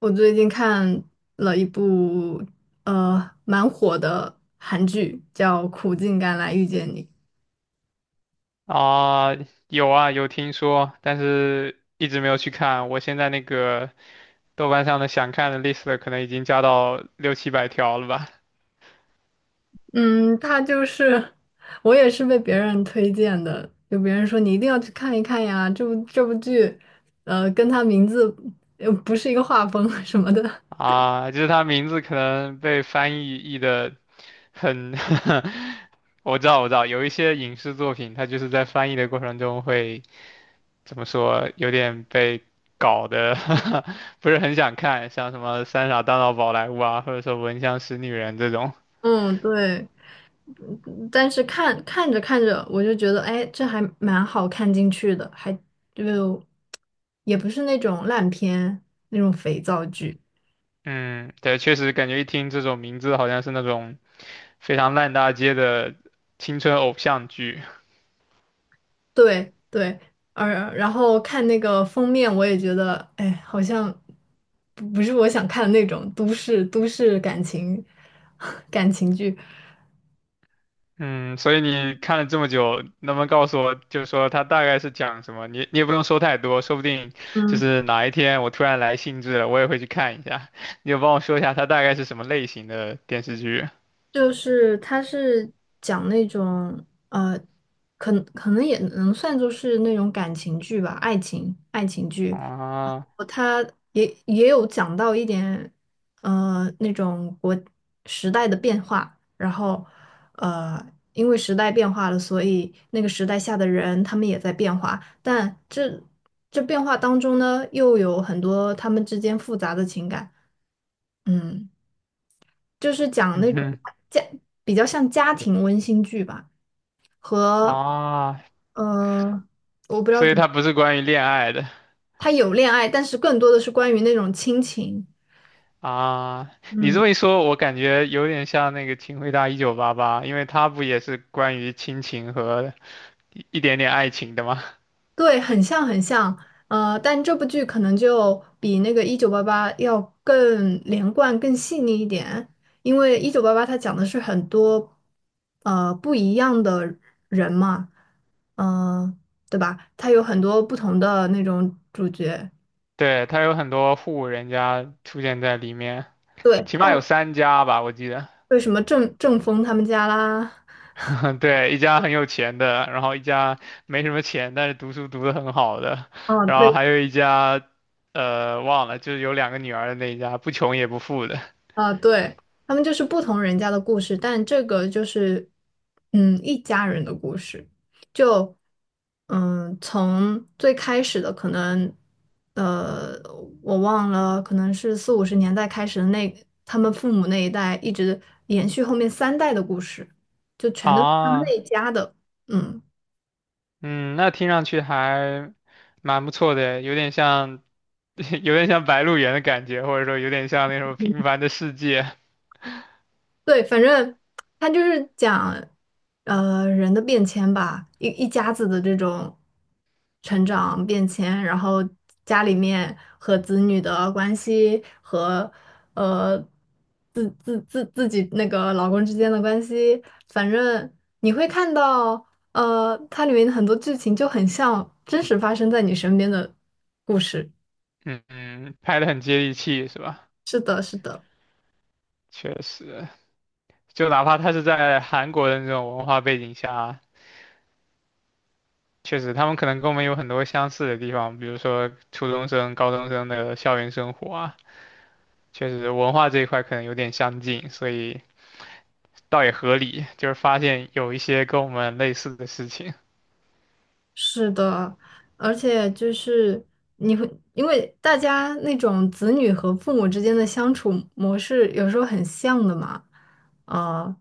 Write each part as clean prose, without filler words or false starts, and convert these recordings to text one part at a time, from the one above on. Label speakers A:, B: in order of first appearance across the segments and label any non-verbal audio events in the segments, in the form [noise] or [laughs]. A: 我最近看了一部蛮火的韩剧，叫《苦尽甘来遇见你》。
B: 啊，有啊，有听说，但是一直没有去看。我现在那个豆瓣上的想看的 list 可能已经加到六七百条了吧？
A: 嗯，它就是我也是被别人推荐的，就别人说你一定要去看一看呀，这部剧，跟它名字又不是一个画风 [laughs] 什么的。
B: 啊，就是它名字可能被翻译的很 [laughs] 我知道，我知道，有一些影视作品，它就是在翻译的过程中会怎么说，有点被搞得 [laughs] 不是很想看，像什么《三傻大闹宝莱坞》啊，或者说《闻香识女人》这种。
A: 嗯，对。但是看着看着，我就觉得，哎，这还蛮好看进去的，就也不是那种烂片那种肥皂剧。
B: 嗯，对，确实感觉一听这种名字，好像是那种非常烂大街的青春偶像剧。
A: 对对，而然后看那个封面，我也觉得，哎，好像不是我想看的那种都市感情 [laughs] 感情剧。
B: 嗯，所以你看了这么久，能不能告诉我，就是说它大概是讲什么？你也不用说太多，说不定就
A: 嗯。
B: 是哪一天我突然来兴致了，我也会去看一下。你就帮我说一下它大概是什么类型的电视剧
A: 就是他是讲那种呃，可能也能算作是那种感情剧吧，爱情剧。
B: 啊？
A: 他也有讲到一点那种时代的变化，然后呃因为时代变化了，所以那个时代下的人他们也在变化，但这变化当中呢，又有很多他们之间复杂的情感，嗯。就是
B: [laughs]
A: 讲
B: 嗯
A: 那种
B: 哼
A: 家比较像家庭温馨剧吧，和
B: 啊
A: 呃，我不
B: [laughs]，
A: 知道
B: 所以
A: 怎么，
B: 它不是关于恋爱的。
A: 它有恋爱，但是更多的是关于那种亲情。
B: 啊，你这
A: 嗯，
B: 么一说，我感觉有点像那个《请回答一九八八》，因为它不也是关于亲情和一点点爱情的吗？
A: 对，很像很像，但这部剧可能就比那个《一九八八》要更连贯、更细腻一点，因为《一九八八》它讲的是很多不一样的人嘛，嗯、对吧？它有很多不同的那种主角。
B: [laughs] 对，它有很多户人家出现在里面，
A: 对，
B: 起码有
A: 但。
B: 三家吧，我记得。
A: 为什么郑峰他们家啦，
B: [laughs] 对，一家很有钱的，然后一家没什么钱，但是读书读得很好的，
A: 啊
B: 然后
A: 对
B: 还有一家，忘了，就是有两个女儿的那一家，不穷也不富的。
A: 啊对，他们就是不同人家的故事，但这个就是一家人的故事，就从最开始的可能呃我忘了，可能是四五十年代开始的那他们父母那一代，一直延续后面三代的故事，就全都是他们那
B: 啊，
A: 一家的，嗯。
B: 嗯，那听上去还蛮不错的，有点像。[laughs] 有点像《白鹿原》的感觉，或者说有点像那种《平凡的世界》。
A: 对，反正他就是讲，人的变迁吧，一家子的这种成长变迁，然后家里面和子女的关系和呃自己那个老公之间的关系，反正你会看到，它里面很多剧情就很像真实发生在你身边的故事。
B: 嗯嗯，拍的很接地气，是吧？
A: 是的，是的。
B: 确实，就哪怕他是在韩国的那种文化背景下，确实他们可能跟我们有很多相似的地方，比如说初中生、高中生的校园生活啊，确实文化这一块可能有点相近，所以倒也合理，就是发现有一些跟我们类似的事情。
A: 是的，而且就是你会，因为大家那种子女和父母之间的相处模式有时候很像的嘛，啊、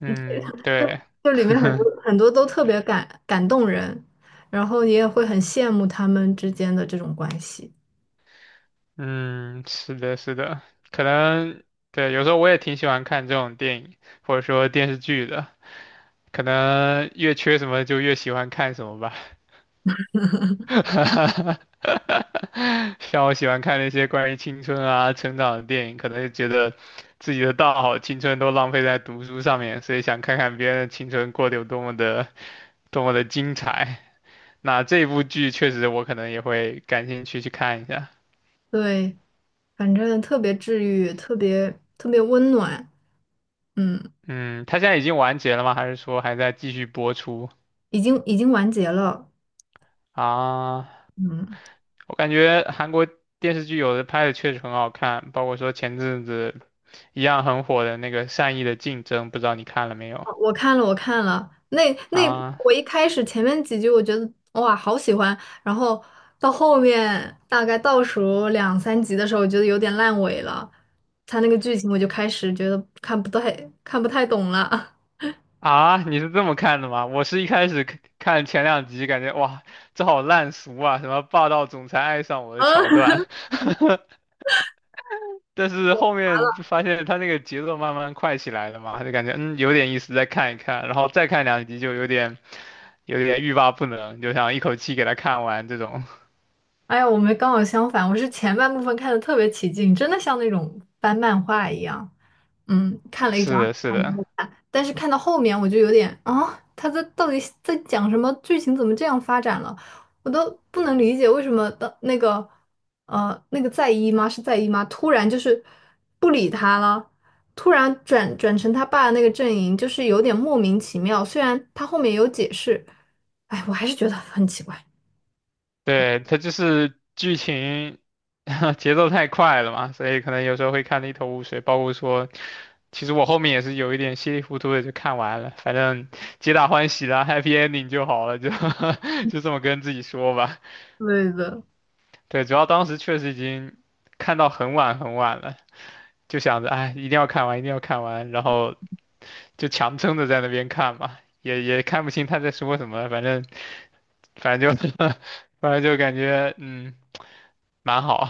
B: 嗯，
A: 就
B: 对。
A: 就里面很多
B: [laughs]
A: 很多都特别感动人，然后你也会很羡慕他们之间的这种关系，
B: 嗯，是的，是的，可能对，有时候我也挺喜欢看这种电影或者说电视剧的，可能越缺什么就越喜欢看什么吧。[laughs] 像我喜欢看那些关于青春啊、成长的电影，可能就觉得自己的大好青春都浪费在读书上面，所以想看看别人的青春过得有多么的、多么的精彩。那这部剧确实我可能也会感兴趣去看一下。
A: 对，反正特别治愈，特别特别温暖，嗯，
B: 嗯，它现在已经完结了吗？还是说还在继续播出
A: 已经完结了，
B: 啊？
A: 嗯。
B: 我感觉韩国电视剧有的拍的确实很好看，包括说前阵子一样很火的那个《善意的竞争》，不知道你看了没有？
A: 我看了，我看了那部
B: 啊
A: 我一开始前面几集我觉得哇好喜欢，然后到后面大概倒数两三集的时候，我觉得有点烂尾了，他那个剧情我就开始觉得看不太懂了。[laughs]
B: 啊，你是这么看的吗？我是一开始看前两集，感觉哇，这好烂俗啊，什么霸道总裁爱上我的桥
A: 啊，
B: 段，[laughs] 但是后面就发现他那个节奏慢慢快起来了嘛，就感觉嗯有点意思，再看一看，然后再看两集就有点欲罢不能，就想一口气给他看完这种。
A: 哎呀，我们刚好相反，我是前半部分看的特别起劲，真的像那种翻漫画一样，嗯，看
B: [laughs]
A: 了一
B: 是的，是的。
A: 但是看到后面我就有点啊，他到底在讲什么？剧情怎么这样发展了？我都不能理解为什么的那个那个在姨妈，突然就是不理他了，突然转成他爸的那个阵营，就是有点莫名其妙。虽然他后面有解释，哎，我还是觉得很奇怪。
B: 对，它就是剧情 [laughs] 节奏太快了嘛，所以可能有时候会看得一头雾水。包括说，其实我后面也是有一点稀里糊涂的就看完了，反正皆大欢喜啦 [laughs]，happy ending 就好了，就 [laughs] 就这么跟自己说吧。
A: 对的，
B: 对，主要当时确实已经看到很晚很晚了，就想着哎，一定要看完，一定要看完，然后就强撑着在那边看嘛，也看不清他在说什么，反正就 [laughs] 反正就感觉嗯蛮好。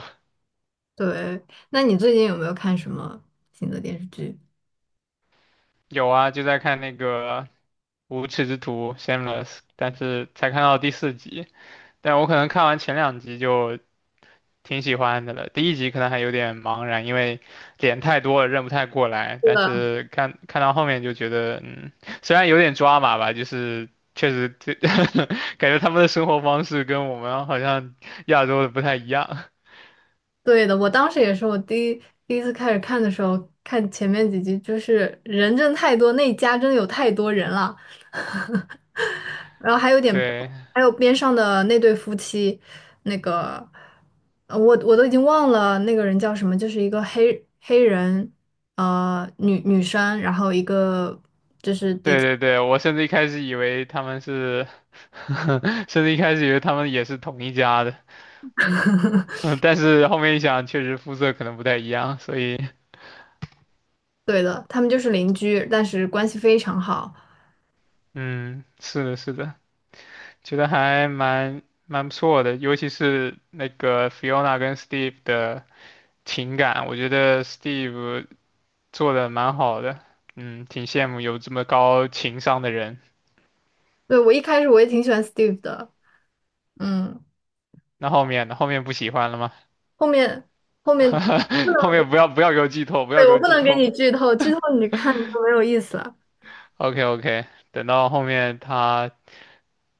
A: 对。那你最近有没有看什么新的电视剧？
B: 有啊，就在看那个《无耻之徒》（Shameless），但是才看到第四集。但我可能看完前两集就挺喜欢的了，第一集可能还有点茫然，因为脸太多了认不太过来。但是看到后面就觉得，嗯，虽然有点抓马吧，就是确实这 [laughs] 感觉他们的生活方式跟我们好像亚洲的不太一样。
A: 对的，我当时也是，我第一次开始看的时候，看前面几集，就是人真的太多，那一家真的有太多人了，[laughs] 然后还有点，
B: 对，
A: 还有边上的那对夫妻，那个，我都已经忘了那个人叫什么，就是一个黑人，女生，然后一个，
B: 对对对，我甚至一开始以为他们是，[laughs] 甚至一开始以为他们也是同一家的。[laughs] 嗯，但是后面一想，确实肤色可能不太一样，所以，
A: 对的，他们就是邻居，但是关系非常好。
B: 嗯，是的，是的，觉得还蛮不错的，尤其是那个 Fiona 跟 Steve 的情感，我觉得 Steve 做的蛮好的，嗯，挺羡慕有这么高情商的人。
A: 对，我一开始我也挺喜欢 Steve 的，嗯，
B: 那后面呢？后面不喜欢了吗？
A: 后面后面。
B: [laughs] 后面不要给我剧透，不要
A: 对，
B: 给
A: 我
B: 我
A: 不
B: 剧
A: 能给
B: 透。
A: 你剧透，剧透你看就没有意思了。
B: OK OK，等到后面他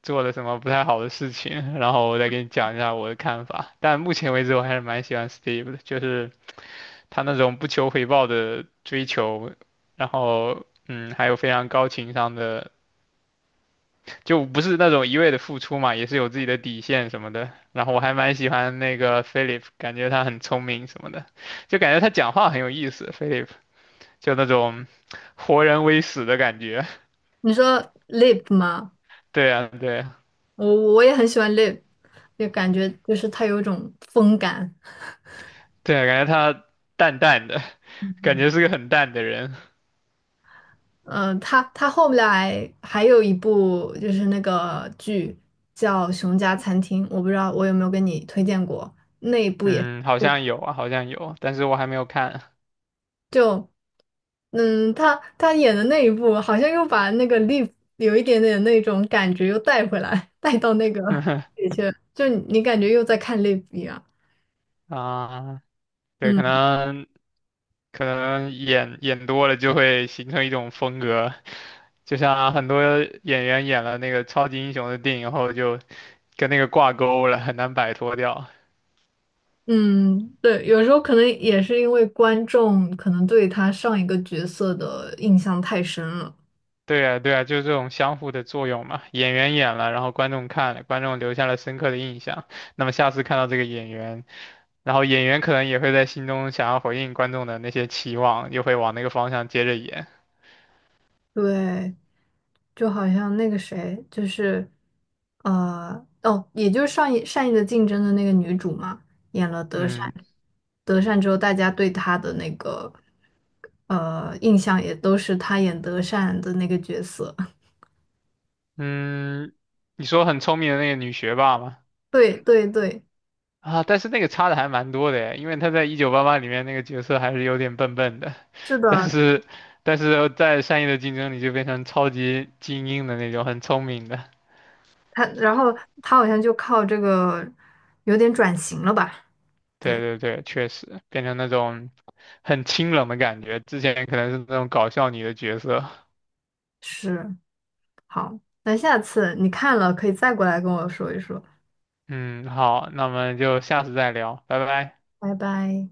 B: 做了什么不太好的事情，[laughs] 然后我再给你讲一下我的看法。但目前为止，我还是蛮喜欢 Steve 的，就是他那种不求回报的追求，然后嗯，还有非常高情商的，就不是那种一味的付出嘛，也是有自己的底线什么的。然后我还蛮喜欢那个 Philip，感觉他很聪明什么的，就感觉他讲话很有意思，Philip 就那种活人微死的感觉。
A: 你说 Lip 吗？
B: [laughs] 对啊，对啊，
A: 我也很喜欢 Lip，就感觉就是他有一种风感。
B: 对啊，感觉他淡淡的，感觉是个很淡的人。
A: 他后来还有一部就是那个剧叫《熊家餐厅》，我不知道我有没有跟你推荐过，那一部也
B: 嗯，好像有啊，好像有，但是我还没有看。
A: 就，他演的那一部好像又把那个 l i v e 有一点点那种感觉又带回来，带到那个里
B: [laughs]
A: 去，就你感觉又在看 l i v e 一样。
B: 啊，对，可
A: 嗯。
B: 能可能演多了就会形成一种风格，就像很多演员演了那个超级英雄的电影后，就跟那个挂钩了，很难摆脱掉。
A: 嗯，对，有时候可能也是因为观众可能对他上一个角色的印象太深了，
B: 对啊，对啊，就是这种相互的作用嘛。演员演了，然后观众看了，观众留下了深刻的印象。那么下次看到这个演员，然后演员可能也会在心中想要回应观众的那些期望，又会往那个方向接着演。
A: 对，就好像那个谁，就是，哦，也就是上一《善意的竞争》的那个女主嘛，演了德善，
B: 嗯
A: 德善之后，大家对她的那个印象也都是她演德善的那个角色。[laughs]
B: 嗯，你说很聪明的那个女学霸吗？
A: 对对对，
B: 啊，但是那个差的还蛮多的耶，因为她在《一九八八》里面那个角色还是有点笨笨的，
A: 是
B: [laughs] 但
A: 的，
B: 是但是在《善意的竞争》里就变成超级精英的那种，很聪明的。
A: 然后她好像就靠这个有点转型了吧。
B: 对
A: 对。
B: 对对，确实变成那种很清冷的感觉，之前可能是那种搞笑女的角色。
A: 是，好，那下次你看了可以再过来跟我说一说，
B: 嗯，好，那我们就下次再聊，拜拜。
A: 拜拜。